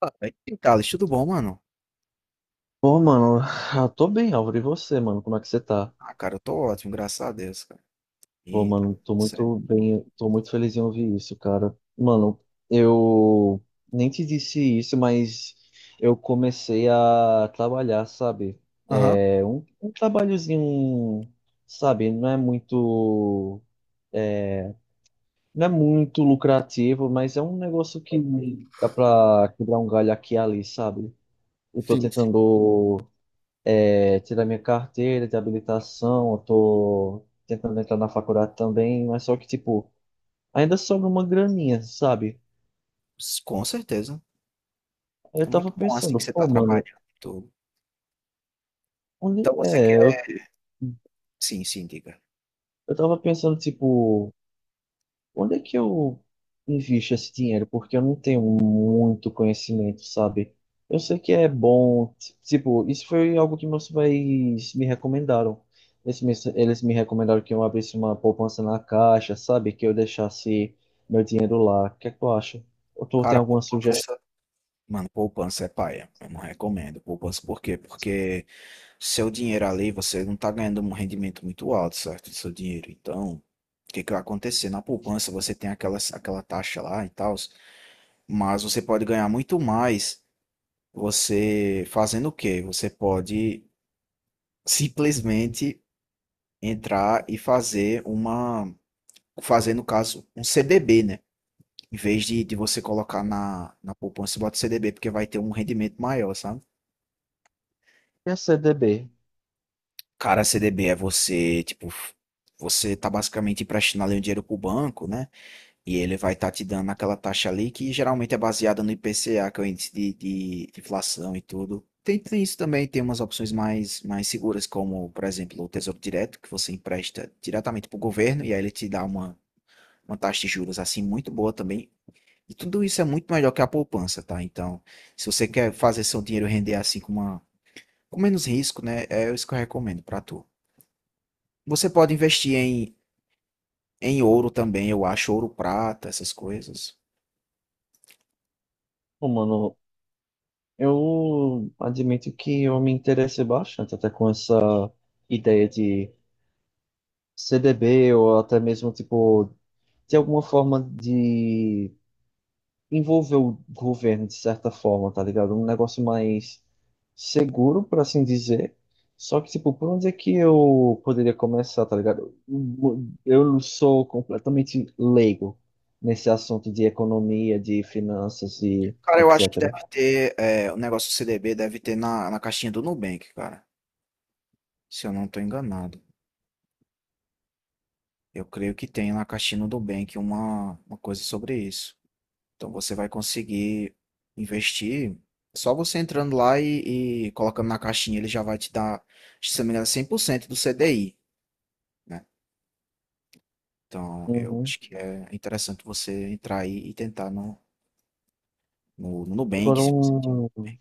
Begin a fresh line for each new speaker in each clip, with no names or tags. Ah, e aí, Thales, tudo bom, mano?
Pô, mano, eu tô bem, Álvaro. E você, mano? Como é que você tá?
Ah, cara, eu tô ótimo, graças a Deus, cara.
Pô,
E tá
mano, tô
certo.
muito bem, tô muito feliz em ouvir isso, cara. Mano, eu nem te disse isso, mas eu comecei a trabalhar, sabe?
Aham,
É um trabalhozinho, sabe? Não é muito, é, não é muito lucrativo, mas é um negócio que dá pra quebrar um galho aqui e ali, sabe? Eu tô
sim, sim,
tentando. É, tirar minha carteira de habilitação, eu tô tentando entrar na faculdade também, mas só que, tipo, ainda sobra uma graninha, sabe?
com certeza.
Aí
É
eu tava
muito bom, assim, que
pensando,
você tá
pô, mano,
trabalhando e tudo.
onde
Então você
é?
quer... Sim, sim, diga.
Eu tava pensando, tipo, onde é que eu invisto esse dinheiro? Porque eu não tenho muito conhecimento, sabe? Eu sei que é bom. Tipo, isso foi algo que meus pais me recomendaram. Eles me recomendaram que eu abrisse uma poupança na Caixa, sabe? Que eu deixasse meu dinheiro lá. O que é que tu acha? Ou tu tem
Cara,
alguma sugestão?
poupança... Mano, poupança é paia. Eu não recomendo poupança. Por quê? Porque seu dinheiro ali, você não tá ganhando um rendimento muito alto, certo? Do seu dinheiro. Então, o que que vai acontecer? Na poupança, você tem aquela taxa lá e tal, mas você pode ganhar muito mais. Você fazendo o quê? Você pode simplesmente entrar e fazer uma, fazer no caso um CDB, né? Em vez de você colocar na poupança, você bota CDB porque vai ter um rendimento maior, sabe?
E a CDB?
Cara, CDB é você, tipo, você tá basicamente emprestando ali o dinheiro pro banco, né? E ele vai estar te dando aquela taxa ali que geralmente é baseada no IPCA, que é o índice de, de inflação e tudo. Tem isso também, tem umas opções mais seguras, como, por exemplo, o Tesouro Direto, que você empresta diretamente para o governo e aí ele te dá uma taxa de juros assim muito boa também. E tudo isso é muito melhor que a poupança, tá? Então, se você quer fazer seu dinheiro render assim com, uma, com menos risco, né? É isso que eu recomendo para tu. Você pode investir em, em ouro também, eu acho, ouro, prata, essas coisas.
Pô, mano, eu admito que eu me interessei bastante até com essa ideia de CDB ou até mesmo, tipo, de alguma forma de envolver o governo de certa forma, tá ligado? Um negócio mais seguro, por assim dizer. Só que, tipo, por onde é que eu poderia começar, tá ligado? Eu sou completamente leigo nesse assunto de economia, de finanças e
Cara, eu acho que
etc.
deve ter, é, o negócio do CDB deve ter na caixinha do Nubank, cara. Se eu não tô enganado. Eu creio que tem na caixinha do Nubank uma coisa sobre isso. Então você vai conseguir investir só você entrando lá e colocando na caixinha, ele já vai te dar, se não me engano, 100% do CDI, né? Então eu
Uhum.
acho que é interessante você entrar aí e tentar no Nubank,
Agora,
se você tiver
um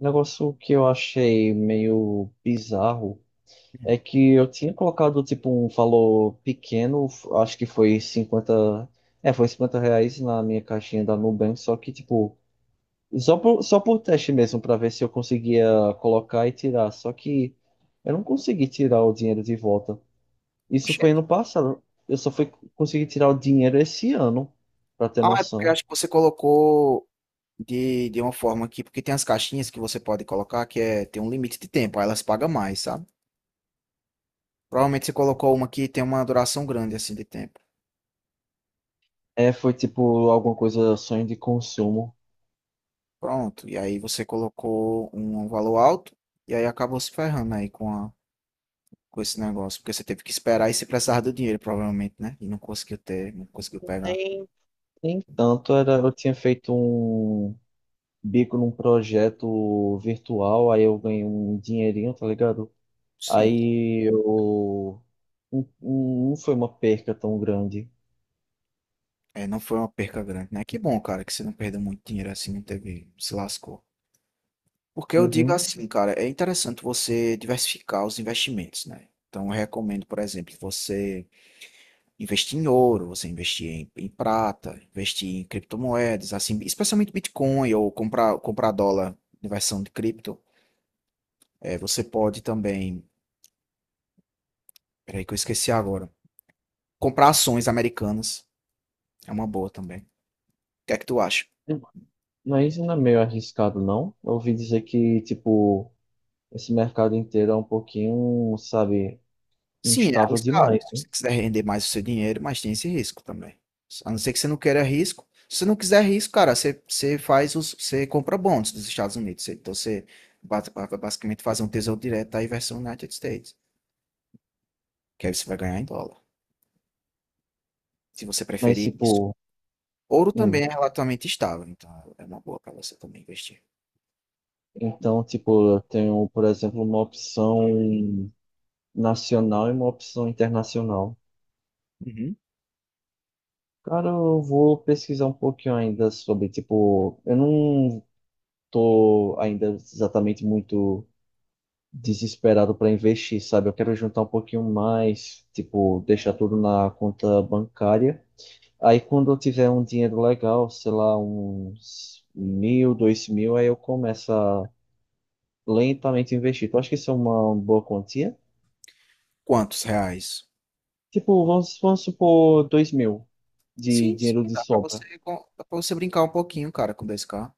negócio que eu achei meio bizarro é que eu tinha colocado, tipo, um valor pequeno, acho que foi 50. É, foi R$ 50 na minha caixinha da Nubank, só que, tipo, só por teste mesmo, pra ver se eu conseguia colocar e tirar. Só que eu não consegui tirar o dinheiro de volta.
com
Isso foi ano
cheque.
passado. Eu só fui conseguir tirar o dinheiro esse ano, pra ter
Ah, é porque eu
noção.
acho que você colocou de uma forma que, porque tem as caixinhas que você pode colocar que é, tem um limite de tempo, aí elas pagam mais, sabe? Provavelmente você colocou uma que tem uma duração grande assim de tempo.
É, foi, tipo, alguma coisa, sonho de consumo.
Pronto, e aí você colocou um valor alto e aí acabou se ferrando aí com a, com esse negócio, porque você teve que esperar e se precisava do dinheiro, provavelmente, né? E não conseguiu ter, não conseguiu pegar.
Nem, nem tanto, era, eu tinha feito um bico num projeto virtual, aí eu ganhei um dinheirinho, tá ligado?
Sim,
Aí eu. Não, não foi uma perca tão grande.
é, não foi uma perca grande, né? Que bom, cara, que você não perdeu muito dinheiro assim, não teve, se lascou. Porque eu digo
Uhum.
assim, cara, é interessante você diversificar os investimentos, né? Então, eu recomendo, por exemplo, você investir em ouro, você investir em, em prata, investir em criptomoedas, assim, especialmente Bitcoin ou comprar, comprar dólar em versão de cripto. É, você pode também, peraí que eu esqueci agora, comprar ações americanas, é uma boa também. O que é que tu acha?
Mas não é meio arriscado, não? Eu ouvi dizer que, tipo, esse mercado inteiro é um pouquinho, sabe,
Sim, é
instável
arriscado.
demais.
Se você quiser render mais o seu dinheiro, mas tem esse risco também. A não ser que você não queira risco. Se você não quiser risco, cara, você, você faz os, você compra bonds dos Estados Unidos. Você... Então você basicamente faz um tesouro direto aí versão United States, que aí você vai ganhar em dólar, se você
Mas,
preferir isso.
tipo,
Ouro também
hum.
é relativamente estável, então é uma boa para você também investir.
Então, tipo, eu tenho, por exemplo, uma opção nacional e uma opção internacional.
Uhum.
Cara, eu vou pesquisar um pouquinho ainda sobre, tipo, eu não tô ainda exatamente muito desesperado para investir, sabe? Eu quero juntar um pouquinho mais, tipo, deixar tudo na conta bancária. Aí quando eu tiver um dinheiro legal, sei lá, uns 1.000, 2.000, aí eu começo a lentamente investir. Tu acha que isso é uma boa quantia?
Quantos reais?
Tipo, vamos supor 2.000 de
Sim,
dinheiro
sim,
de
dá para
sobra.
você, dá pra você brincar um pouquinho, cara, com 2K.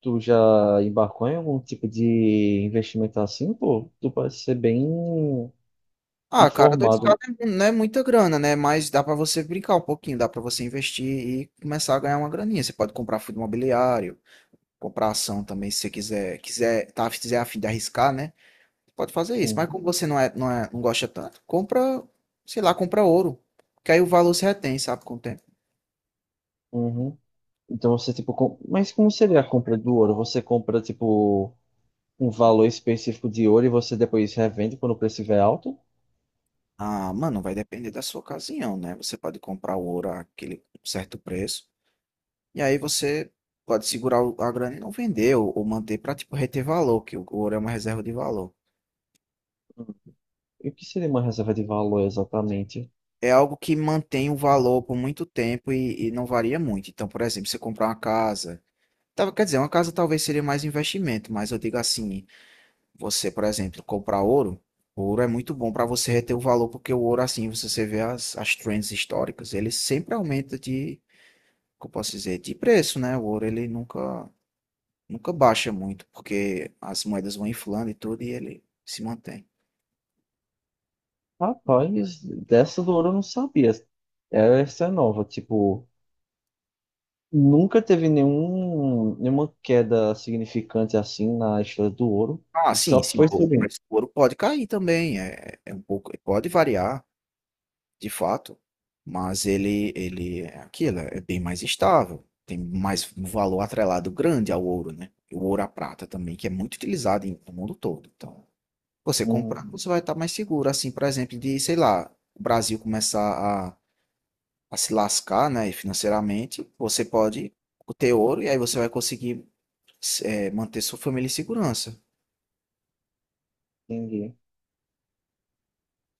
Tu já embarcou em algum tipo de investimento assim, pô? Tu parece ser bem
Ah, cara, dois k
informado.
não é muita grana, né? Mas dá pra você brincar um pouquinho, dá pra você investir e começar a ganhar uma graninha. Você pode comprar fundo imobiliário, comprar ação também, se você quiser, quiser, tá, se quiser a fim de arriscar, né? Pode fazer isso.
Hum.
Mas como você não é, não gosta tanto, compra, sei lá, compra ouro, que aí o valor se retém, sabe, com o tempo.
Uhum. Então você, tipo, com... mas como seria a compra do ouro? Você compra, tipo, um valor específico de ouro e você depois revende quando o preço estiver alto?
Ah, mano, vai depender da sua ocasião, né? Você pode comprar o ouro àquele certo preço, e aí você pode segurar a grana e não vender, ou manter pra, tipo, reter valor, que o ouro é uma reserva de valor.
Hum. E o que seria uma reserva de valor exatamente?
É algo que mantém o valor por muito tempo e não varia muito. Então, por exemplo, você comprar uma casa, tá, quer dizer, uma casa talvez seria mais investimento, mas eu digo assim, você, por exemplo, comprar ouro, ouro é muito bom para você reter o valor, porque o ouro, assim, você vê as, as trends históricas, ele sempre aumenta de, como eu posso dizer, de preço, né? O ouro, ele nunca baixa muito, porque as moedas vão inflando e tudo, e ele se mantém.
Rapaz, dessa do ouro eu não sabia. Essa é nova, tipo, nunca teve nenhum, nenhuma queda significante assim na história do ouro.
Ah,
Ele
sim,
só
sim,
foi
o
subindo.
preço do ouro pode cair também, é, é um pouco, pode variar. De fato, mas ele é aquilo, é bem mais estável, tem mais um valor atrelado grande ao ouro, né? E o ouro à prata também, que é muito utilizado no mundo todo. Então, você comprar,
Hum,
você vai estar mais seguro, assim, por exemplo, de, sei lá, o Brasil começar a se lascar, né, financeiramente, você pode ter ouro e aí você vai conseguir eh, manter sua família em segurança.
entendi.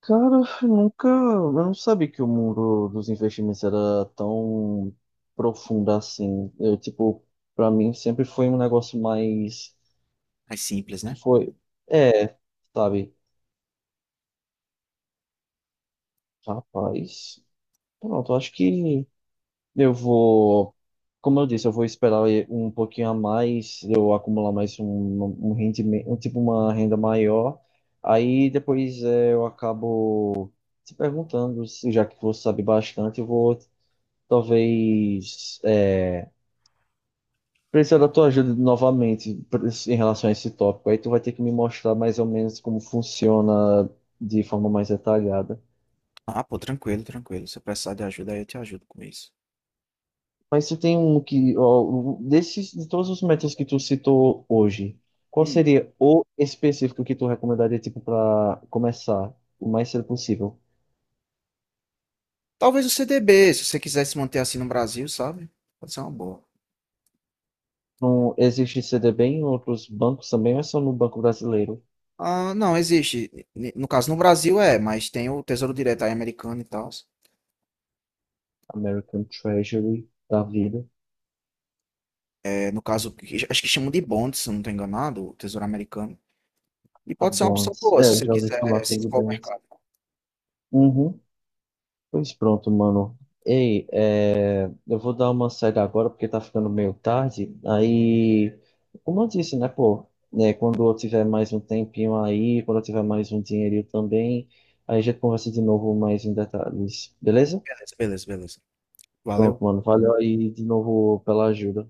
Cara, eu nunca. Eu não sabia que o mundo dos investimentos era tão profundo assim. Eu, tipo, pra mim sempre foi um negócio mais.
Mais simples,
Que
né?
foi. É, sabe? Rapaz. Pronto, eu acho que eu vou. Como eu disse, eu vou esperar um pouquinho a mais, eu acumular mais um rendimento, um, tipo, uma renda maior. Aí depois é, eu acabo se perguntando, já que você sabe bastante, eu vou. Talvez é, precisar da tua ajuda novamente em relação a esse tópico. Aí tu vai ter que me mostrar mais ou menos como funciona de forma mais detalhada.
Ah, pô, tranquilo, tranquilo. Se eu precisar de ajuda, aí eu te ajudo com isso.
Mas se tem um que, ó, desses, de todos os métodos que tu citou hoje, qual
Hum.
seria o específico que tu recomendaria, tipo, para começar o mais cedo possível?
Talvez o CDB, se você quiser se manter assim no Brasil, sabe? Pode ser uma boa.
Não existe CDB em outros bancos também, ou é só no Banco Brasileiro?
Ah, não, existe. No caso, no Brasil é, mas tem o Tesouro Direto aí americano e tal.
American Treasury da vida.
É, no caso, acho que chamam de bonds, se eu não estou enganado, o Tesouro Americano. E
A
pode ser uma opção
Bonds.
boa,
É,
se
eu
você
já ouvi falar
quiser se
sobre
for ao
Bonds.
mercado.
Uhum. Pois pronto, mano. Ei, é, eu vou dar uma saída agora porque tá ficando meio tarde. Aí, como eu disse, né, pô, né, quando eu tiver mais um tempinho aí, quando eu tiver mais um dinheirinho também, aí a gente conversa de novo mais em detalhes, beleza?
Beleza, beleza, beleza. Valeu.
Pronto, mano. Valeu aí de novo pela ajuda.